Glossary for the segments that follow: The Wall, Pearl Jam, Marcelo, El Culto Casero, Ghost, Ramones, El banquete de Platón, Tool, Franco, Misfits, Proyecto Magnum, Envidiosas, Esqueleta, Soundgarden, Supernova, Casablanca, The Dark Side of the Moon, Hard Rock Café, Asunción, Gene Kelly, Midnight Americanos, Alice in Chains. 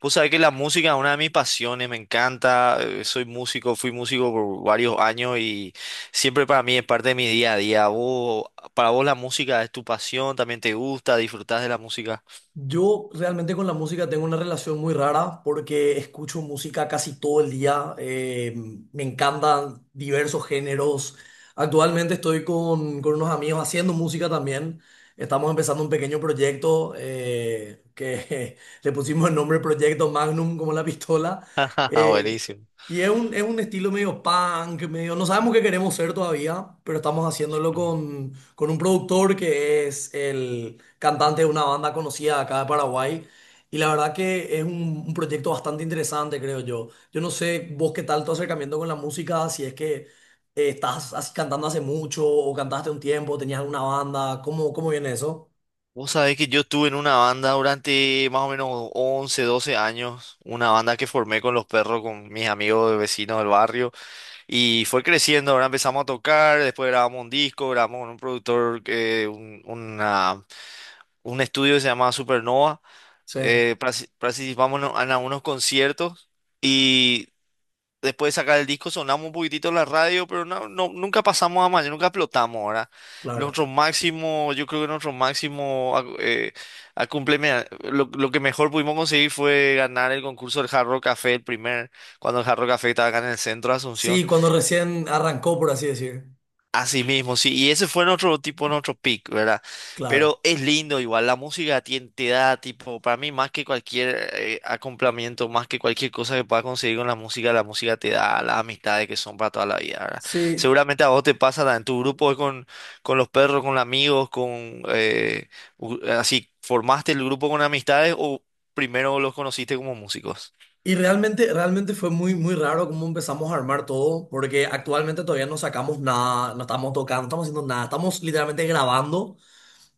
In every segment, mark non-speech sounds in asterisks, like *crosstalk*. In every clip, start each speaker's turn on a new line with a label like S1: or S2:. S1: Vos sabés que la música es una de mis pasiones, me encanta, soy músico, fui músico por varios años y siempre para mí es parte de mi día a día. Vos, para vos la música es tu pasión, también te gusta, disfrutás de la música.
S2: Yo realmente con la música tengo una relación muy rara porque escucho música casi todo el día. Me encantan diversos géneros. Actualmente estoy con unos amigos haciendo música también. Estamos empezando un pequeño proyecto que *laughs* le pusimos el nombre Proyecto Magnum como la pistola.
S1: *laughs*
S2: Eh,
S1: Buenísimo.
S2: y es es un estilo medio punk, medio. No sabemos qué queremos ser todavía, pero estamos haciéndolo con un productor que es el cantante de una banda conocida acá de Paraguay. Y la verdad que es un proyecto bastante interesante, creo yo. Yo no sé vos qué tal tu acercamiento con la música, si es que cantando hace mucho o cantaste un tiempo, tenías alguna banda, ¿cómo, cómo viene eso?
S1: Vos sabés que yo estuve en una banda durante más o menos 11, 12 años, una banda que formé con los perros, con mis amigos de vecinos del barrio, y fue creciendo, ahora empezamos a tocar, después grabamos un disco, grabamos con un productor, un- una un estudio que se llamaba Supernova.
S2: Sí,
S1: Participamos en algunos conciertos y después de sacar el disco sonamos un poquitito en la radio, pero no, nunca pasamos a mayor, nunca explotamos, ahora
S2: claro.
S1: nuestro máximo, yo creo que nuestro máximo, a cumpleme- lo que mejor pudimos conseguir fue ganar el concurso del Hard Rock Café, el primer, cuando el Hard Rock Café estaba acá en el centro de Asunción.
S2: Sí, cuando recién arrancó, por así decir.
S1: Así mismo, sí, y ese fue nuestro tipo, nuestro pick, ¿verdad?
S2: Claro.
S1: Pero es lindo igual, la música da tipo, para mí más que cualquier acompañamiento, más que cualquier cosa que puedas conseguir con la música te da las amistades que son para toda la vida, ¿verdad?
S2: Sí,
S1: Seguramente a vos te pasa en tu grupo con los perros, con amigos, con, así, ¿formaste el grupo con amistades o primero los conociste como músicos?
S2: y realmente fue muy, muy raro cómo empezamos a armar todo, porque actualmente todavía no sacamos nada, no estamos tocando, no estamos haciendo nada, estamos literalmente grabando.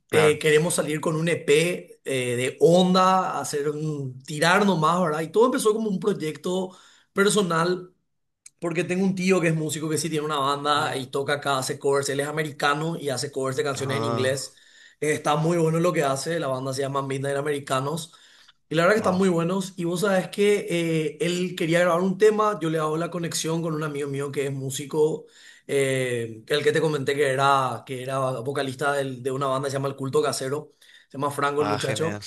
S1: Claro.
S2: Queremos salir con un EP de onda, hacer un, tirar nomás, ¿verdad? Y todo empezó como un proyecto personal porque tengo un tío que es músico que sí tiene una banda
S1: Mm,
S2: y toca acá, hace covers. Él es americano y hace covers de canciones en
S1: Ah,
S2: inglés. Está muy bueno lo que hace. La banda se llama Midnight Americanos. Y la verdad que están
S1: wow.
S2: muy buenos. Y vos sabés que él quería grabar un tema. Yo le hago la conexión con un amigo mío que es músico. Que el que te comenté que era vocalista de una banda que se llama El Culto Casero. Se llama Franco el
S1: Ah, genial.
S2: muchacho.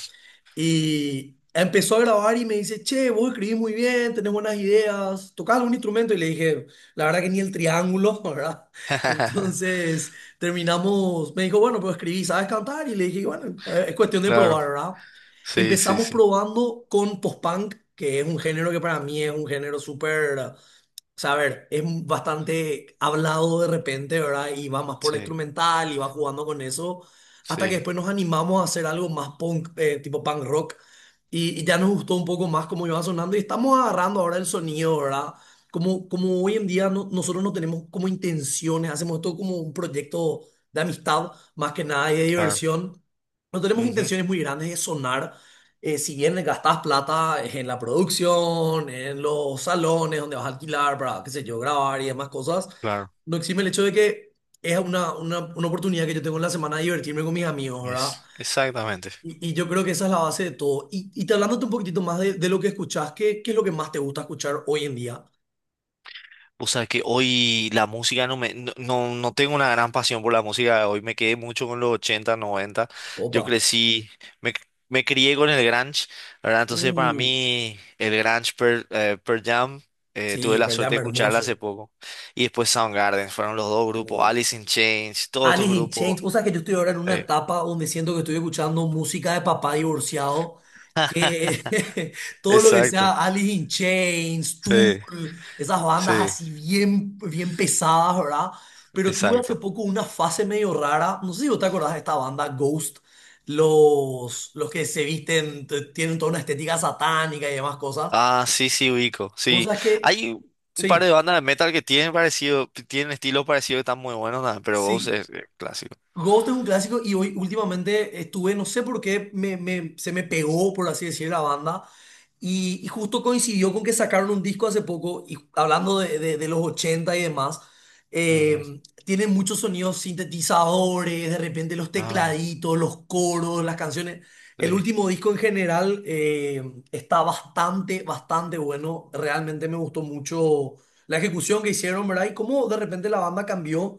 S2: Y empezó a grabar y me dice, che, vos escribís muy bien, tenés buenas ideas, tocás algún instrumento. Y le dije, la verdad que ni el triángulo, *laughs* ¿verdad?
S1: *laughs*
S2: Entonces terminamos, me dijo, bueno, pero escribí, ¿sabes cantar? Y le dije, bueno, es cuestión de
S1: Claro,
S2: probar, ¿verdad?
S1: sí, sí,
S2: Empezamos
S1: sí.
S2: probando con post-punk, que es un género que para mí es un género súper, o sea, a ver, es bastante hablado de repente, ¿verdad? Y va más por la
S1: Sí,
S2: instrumental y va jugando con eso, hasta que
S1: sí,
S2: después nos animamos a hacer algo más punk, tipo punk rock, y ya nos gustó un poco más cómo iba sonando y estamos agarrando ahora el sonido, ¿verdad? Como, como hoy en día nosotros no tenemos como intenciones, hacemos esto como un proyecto de amistad, más que nada y de
S1: claro.
S2: diversión. No tenemos
S1: Ujú,
S2: intenciones muy grandes de sonar, si bien gastás plata en la producción, en los salones donde vas a alquilar para, qué sé yo, grabar y demás cosas,
S1: claro,
S2: no exime el hecho de que es una oportunidad que yo tengo en la semana de divertirme con mis amigos, ¿verdad?
S1: es exactamente.
S2: Y yo creo que esa es la base de todo. Y te hablándote un poquitito más de lo que escuchás, ¿qué, qué es lo que más te gusta escuchar hoy en día?
S1: O sea que hoy la música no me, no, no, no tengo una gran pasión por la música. Hoy me quedé mucho con los 80, 90. Yo
S2: Opa,
S1: crecí, me, me crié con el grunge, ¿verdad? Entonces para
S2: uh,
S1: mí el grunge, Pearl Jam, tuve
S2: sí,
S1: la
S2: Pearl
S1: suerte
S2: Jam
S1: de escucharla hace
S2: hermoso.
S1: poco. Y después Soundgarden, fueron los dos grupos,
S2: Uf.
S1: Alice in Chains, todos estos
S2: Alice in
S1: grupos.
S2: Chains, o sea que yo estoy ahora en una
S1: Eh,
S2: etapa donde siento que estoy escuchando música de papá divorciado, que *laughs* todo lo que sea
S1: Exacto,
S2: Alice in Chains, Tool,
S1: sí,
S2: esas bandas
S1: sí,
S2: así bien, bien pesadas, ¿verdad? Pero tuve hace
S1: exacto.
S2: poco una fase medio rara, no sé si vos te acordás de esta banda Ghost, los que se visten, tienen toda una estética satánica y demás cosas.
S1: Ah, sí, sí, ubico.
S2: Vos
S1: Sí.
S2: sabés que,
S1: Hay un par de
S2: sí,
S1: bandas de metal que tienen parecido, que tienen estilos parecidos que están muy buenos, nada, pero Ghost
S2: sí.
S1: es clásico.
S2: Ghost es un clásico y hoy últimamente estuve, no sé por qué, se me pegó, por así decir, la banda. Y justo coincidió con que sacaron un disco hace poco, y hablando de los 80 y demás,
S1: Ujú.
S2: tienen muchos sonidos sintetizadores, de repente los
S1: Ah,
S2: tecladitos, los coros, las canciones. El
S1: sí,
S2: último disco en general está bastante, bastante bueno. Realmente me gustó mucho la ejecución que hicieron, ¿verdad? Y cómo de repente la banda cambió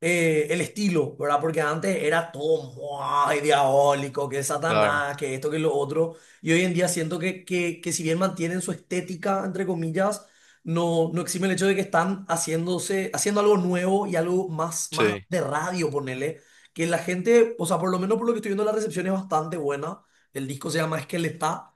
S2: el estilo, ¿verdad? Porque antes era todo muy diabólico, que
S1: claro.
S2: Satanás, que esto, que lo otro. Y hoy en día siento que si bien mantienen su estética, entre comillas, no, no exime el hecho de que están haciéndose, haciendo algo nuevo y algo más, más
S1: Sí.
S2: de radio, ponele. Que la gente, o sea, por lo menos por lo que estoy viendo, la recepción es bastante buena. El disco se llama Esqueleta.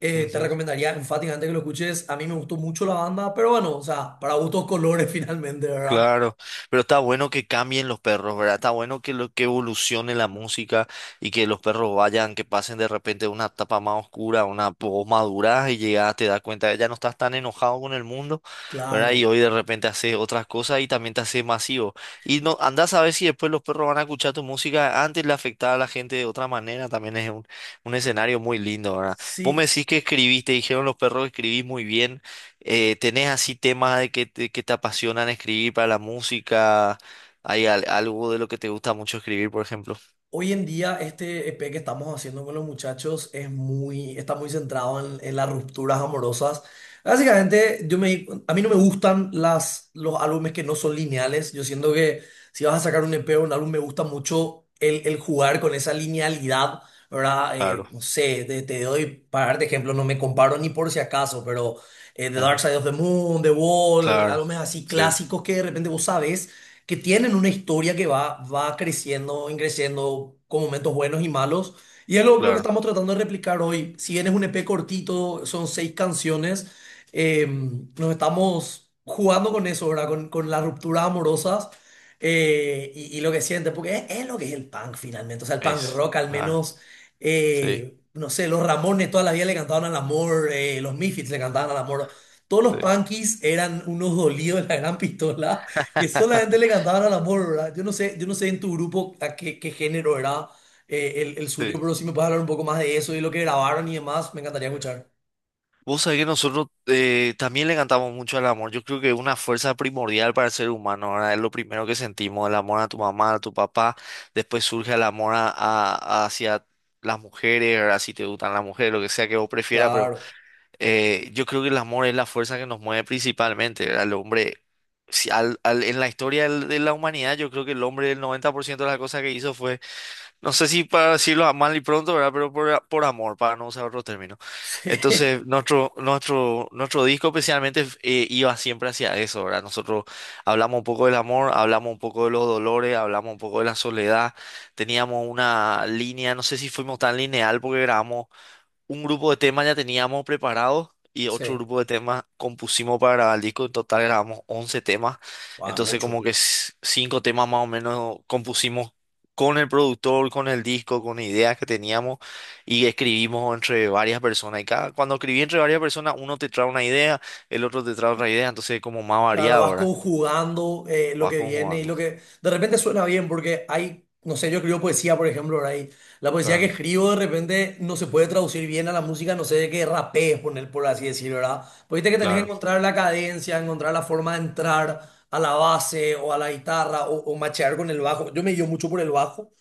S2: Te recomendaría enfáticamente que lo escuches. A mí me gustó mucho la banda, pero bueno, o sea, para gustos colores *laughs* finalmente, ¿verdad?
S1: Claro, pero está bueno que cambien los perros, ¿verdad? Está bueno que que evolucione la música y que los perros vayan, que pasen de repente de una etapa más oscura a una poco madura y llegas, te das cuenta que ya no estás tan enojado con el mundo, ¿verdad? Y
S2: Claro.
S1: hoy de repente haces otras cosas y también te haces masivo. Y no, andás a ver si después los perros van a escuchar tu música, antes le afectaba a la gente de otra manera, también es un escenario muy lindo, ¿verdad? Vos me
S2: Sí,
S1: decís que escribiste, dijeron los perros que escribís muy bien. ¿Tenés así temas de que te apasionan escribir para la música? ¿Hay algo de lo que te gusta mucho escribir, por ejemplo?
S2: hoy en día este EP que estamos haciendo con los muchachos es muy, está muy centrado en las rupturas amorosas. Básicamente, yo me, di a mí no me gustan los álbumes que no son lineales. Yo siento que si vas a sacar un EP o un álbum, me gusta mucho el jugar con esa linealidad, ¿verdad?
S1: Claro,
S2: No sé, te doy, para darte ejemplo, no me comparo ni por si acaso, pero The
S1: *laughs*
S2: Dark Side of the Moon, The Wall,
S1: claro,
S2: álbumes así
S1: sí,
S2: clásicos que de repente vos sabés que tienen una historia que va, va creciendo, creciendo con momentos buenos y malos. Y es lo que
S1: claro.
S2: estamos tratando de replicar hoy. Si bien es un EP cortito, son 6 canciones, eh, nos estamos jugando con eso, ¿verdad? Con las rupturas amorosas, y lo que sientes, porque es lo que es el punk finalmente. O sea, el punk
S1: Es.
S2: rock al
S1: Ah,
S2: menos...
S1: sí,
S2: No sé, los Ramones toda la vida le cantaban al amor, los Misfits le cantaban al amor. Todos los
S1: sí,
S2: punkies eran unos dolidos de la gran pistola que solamente
S1: *laughs*
S2: le cantaban al amor, ¿verdad? Yo no sé en tu grupo a qué, qué género era el suyo,
S1: sí.
S2: pero si me puedes hablar un poco más de eso y lo que grabaron y demás, me encantaría escuchar.
S1: Vos sabés que nosotros también le cantamos mucho al amor. Yo creo que es una fuerza primordial para el ser humano, ¿verdad? Es lo primero que sentimos, el amor a tu mamá, a tu papá. Después surge el amor hacia las mujeres, ¿verdad? Si te gustan las mujeres, lo que sea que vos prefieras, pero
S2: Claro,
S1: yo creo que el amor es la fuerza que nos mueve principalmente, ¿verdad? El hombre, si en la historia de la humanidad, yo creo que el hombre, el 90% de las cosas que hizo fue, no sé si para decirlo a mal y pronto, ¿verdad? Pero por amor, para no usar otro término.
S2: *laughs* sí,
S1: Entonces, nuestro disco especialmente iba siempre hacia eso, ¿verdad? Nosotros hablamos un poco del amor, hablamos un poco de los dolores, hablamos un poco de la soledad, teníamos una línea, no sé si fuimos tan lineal porque grabamos un grupo de temas ya teníamos preparados y otro
S2: sí,
S1: grupo de temas compusimos para grabar el disco. En total grabamos 11 temas.
S2: wow,
S1: Entonces como
S2: mucho.
S1: que cinco temas más o menos compusimos con el productor, con el disco, con ideas que teníamos y escribimos entre varias personas. Y cada, cuando escribí entre varias personas, uno te trae una idea, el otro te trae otra idea. Entonces es como más
S2: Claro,
S1: variado,
S2: vas
S1: ¿verdad?
S2: conjugando lo
S1: Vas
S2: que viene y
S1: conjugando.
S2: lo que de repente suena bien porque hay, no sé, yo escribo poesía, por ejemplo, ahora y la poesía que
S1: Claro,
S2: escribo de repente no se puede traducir bien a la música, no sé de qué rapé poner, por así decirlo, ¿verdad? Pues viste que tenés que
S1: claro,
S2: encontrar la cadencia, encontrar la forma de entrar a la base o a la guitarra o machear con el bajo. Yo me guío mucho por el bajo,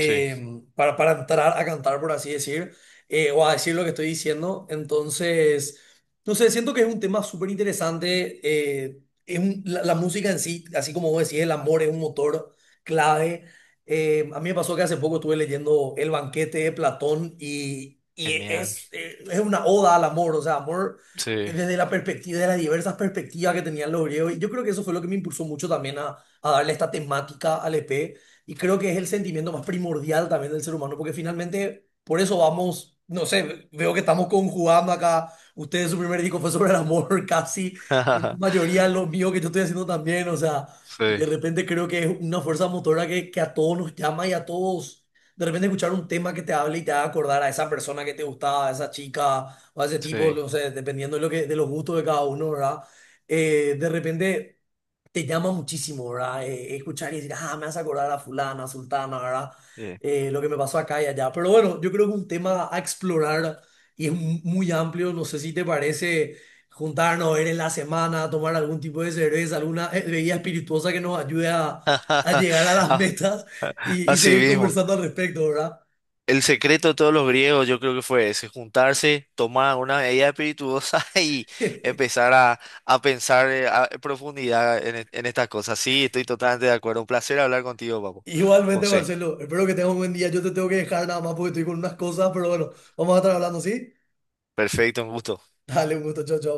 S1: sí,
S2: para entrar a cantar, por así decir, o a decir lo que estoy diciendo. Entonces... No sé, siento que es un tema súper interesante, la, la música en sí, así como vos decís, el amor es un motor clave. A mí me pasó que hace poco estuve leyendo El banquete de Platón y
S1: genial,
S2: es una oda al amor, o sea, amor
S1: sí,
S2: desde la perspectiva, de las diversas perspectivas que tenían los griegos. Y yo creo que eso fue lo que me impulsó mucho también a darle esta temática al EP. Y creo que es el sentimiento más primordial también del ser humano, porque finalmente por eso vamos, no sé, veo que estamos conjugando acá. Ustedes su primer disco fue sobre el amor *laughs* casi en su
S1: *laughs*
S2: mayoría lo mío que yo estoy haciendo también, o sea,
S1: sí,
S2: de repente creo que es una fuerza motora que a todos nos llama y a todos, de repente escuchar un tema que te hable y te haga acordar a esa persona que te gustaba, a esa chica o a ese tipo,
S1: sí,
S2: no sé, dependiendo de lo que, de los gustos de cada uno, ¿verdad? De repente te llama muchísimo, ¿verdad? Escuchar y decir, ah, me hace acordar a fulana, sultana, ¿verdad?
S1: sí.
S2: Lo que me pasó acá y allá. Pero bueno, yo creo que es un tema a explorar y es muy amplio. No sé si te parece juntarnos, ver en la semana, tomar algún tipo de cerveza, alguna bebida espirituosa que nos ayude a llegar a
S1: *laughs*
S2: las *laughs*
S1: Ah,
S2: metas y
S1: así
S2: seguir
S1: mismo.
S2: conversando al respecto, ¿verdad?
S1: El secreto de todos los griegos, yo creo que fue ese, juntarse, tomar una medida espirituosa *laughs* y
S2: *laughs*
S1: empezar a pensar en profundidad en, en estas cosas. Sí, estoy totalmente de acuerdo. Un placer hablar contigo, papo.
S2: Igualmente,
S1: José,
S2: Marcelo, espero que tengas un buen día. Yo te tengo que dejar nada más porque estoy con unas cosas, pero bueno, vamos a estar hablando, ¿sí?
S1: perfecto, un gusto.
S2: Dale, un gusto, chao, chao.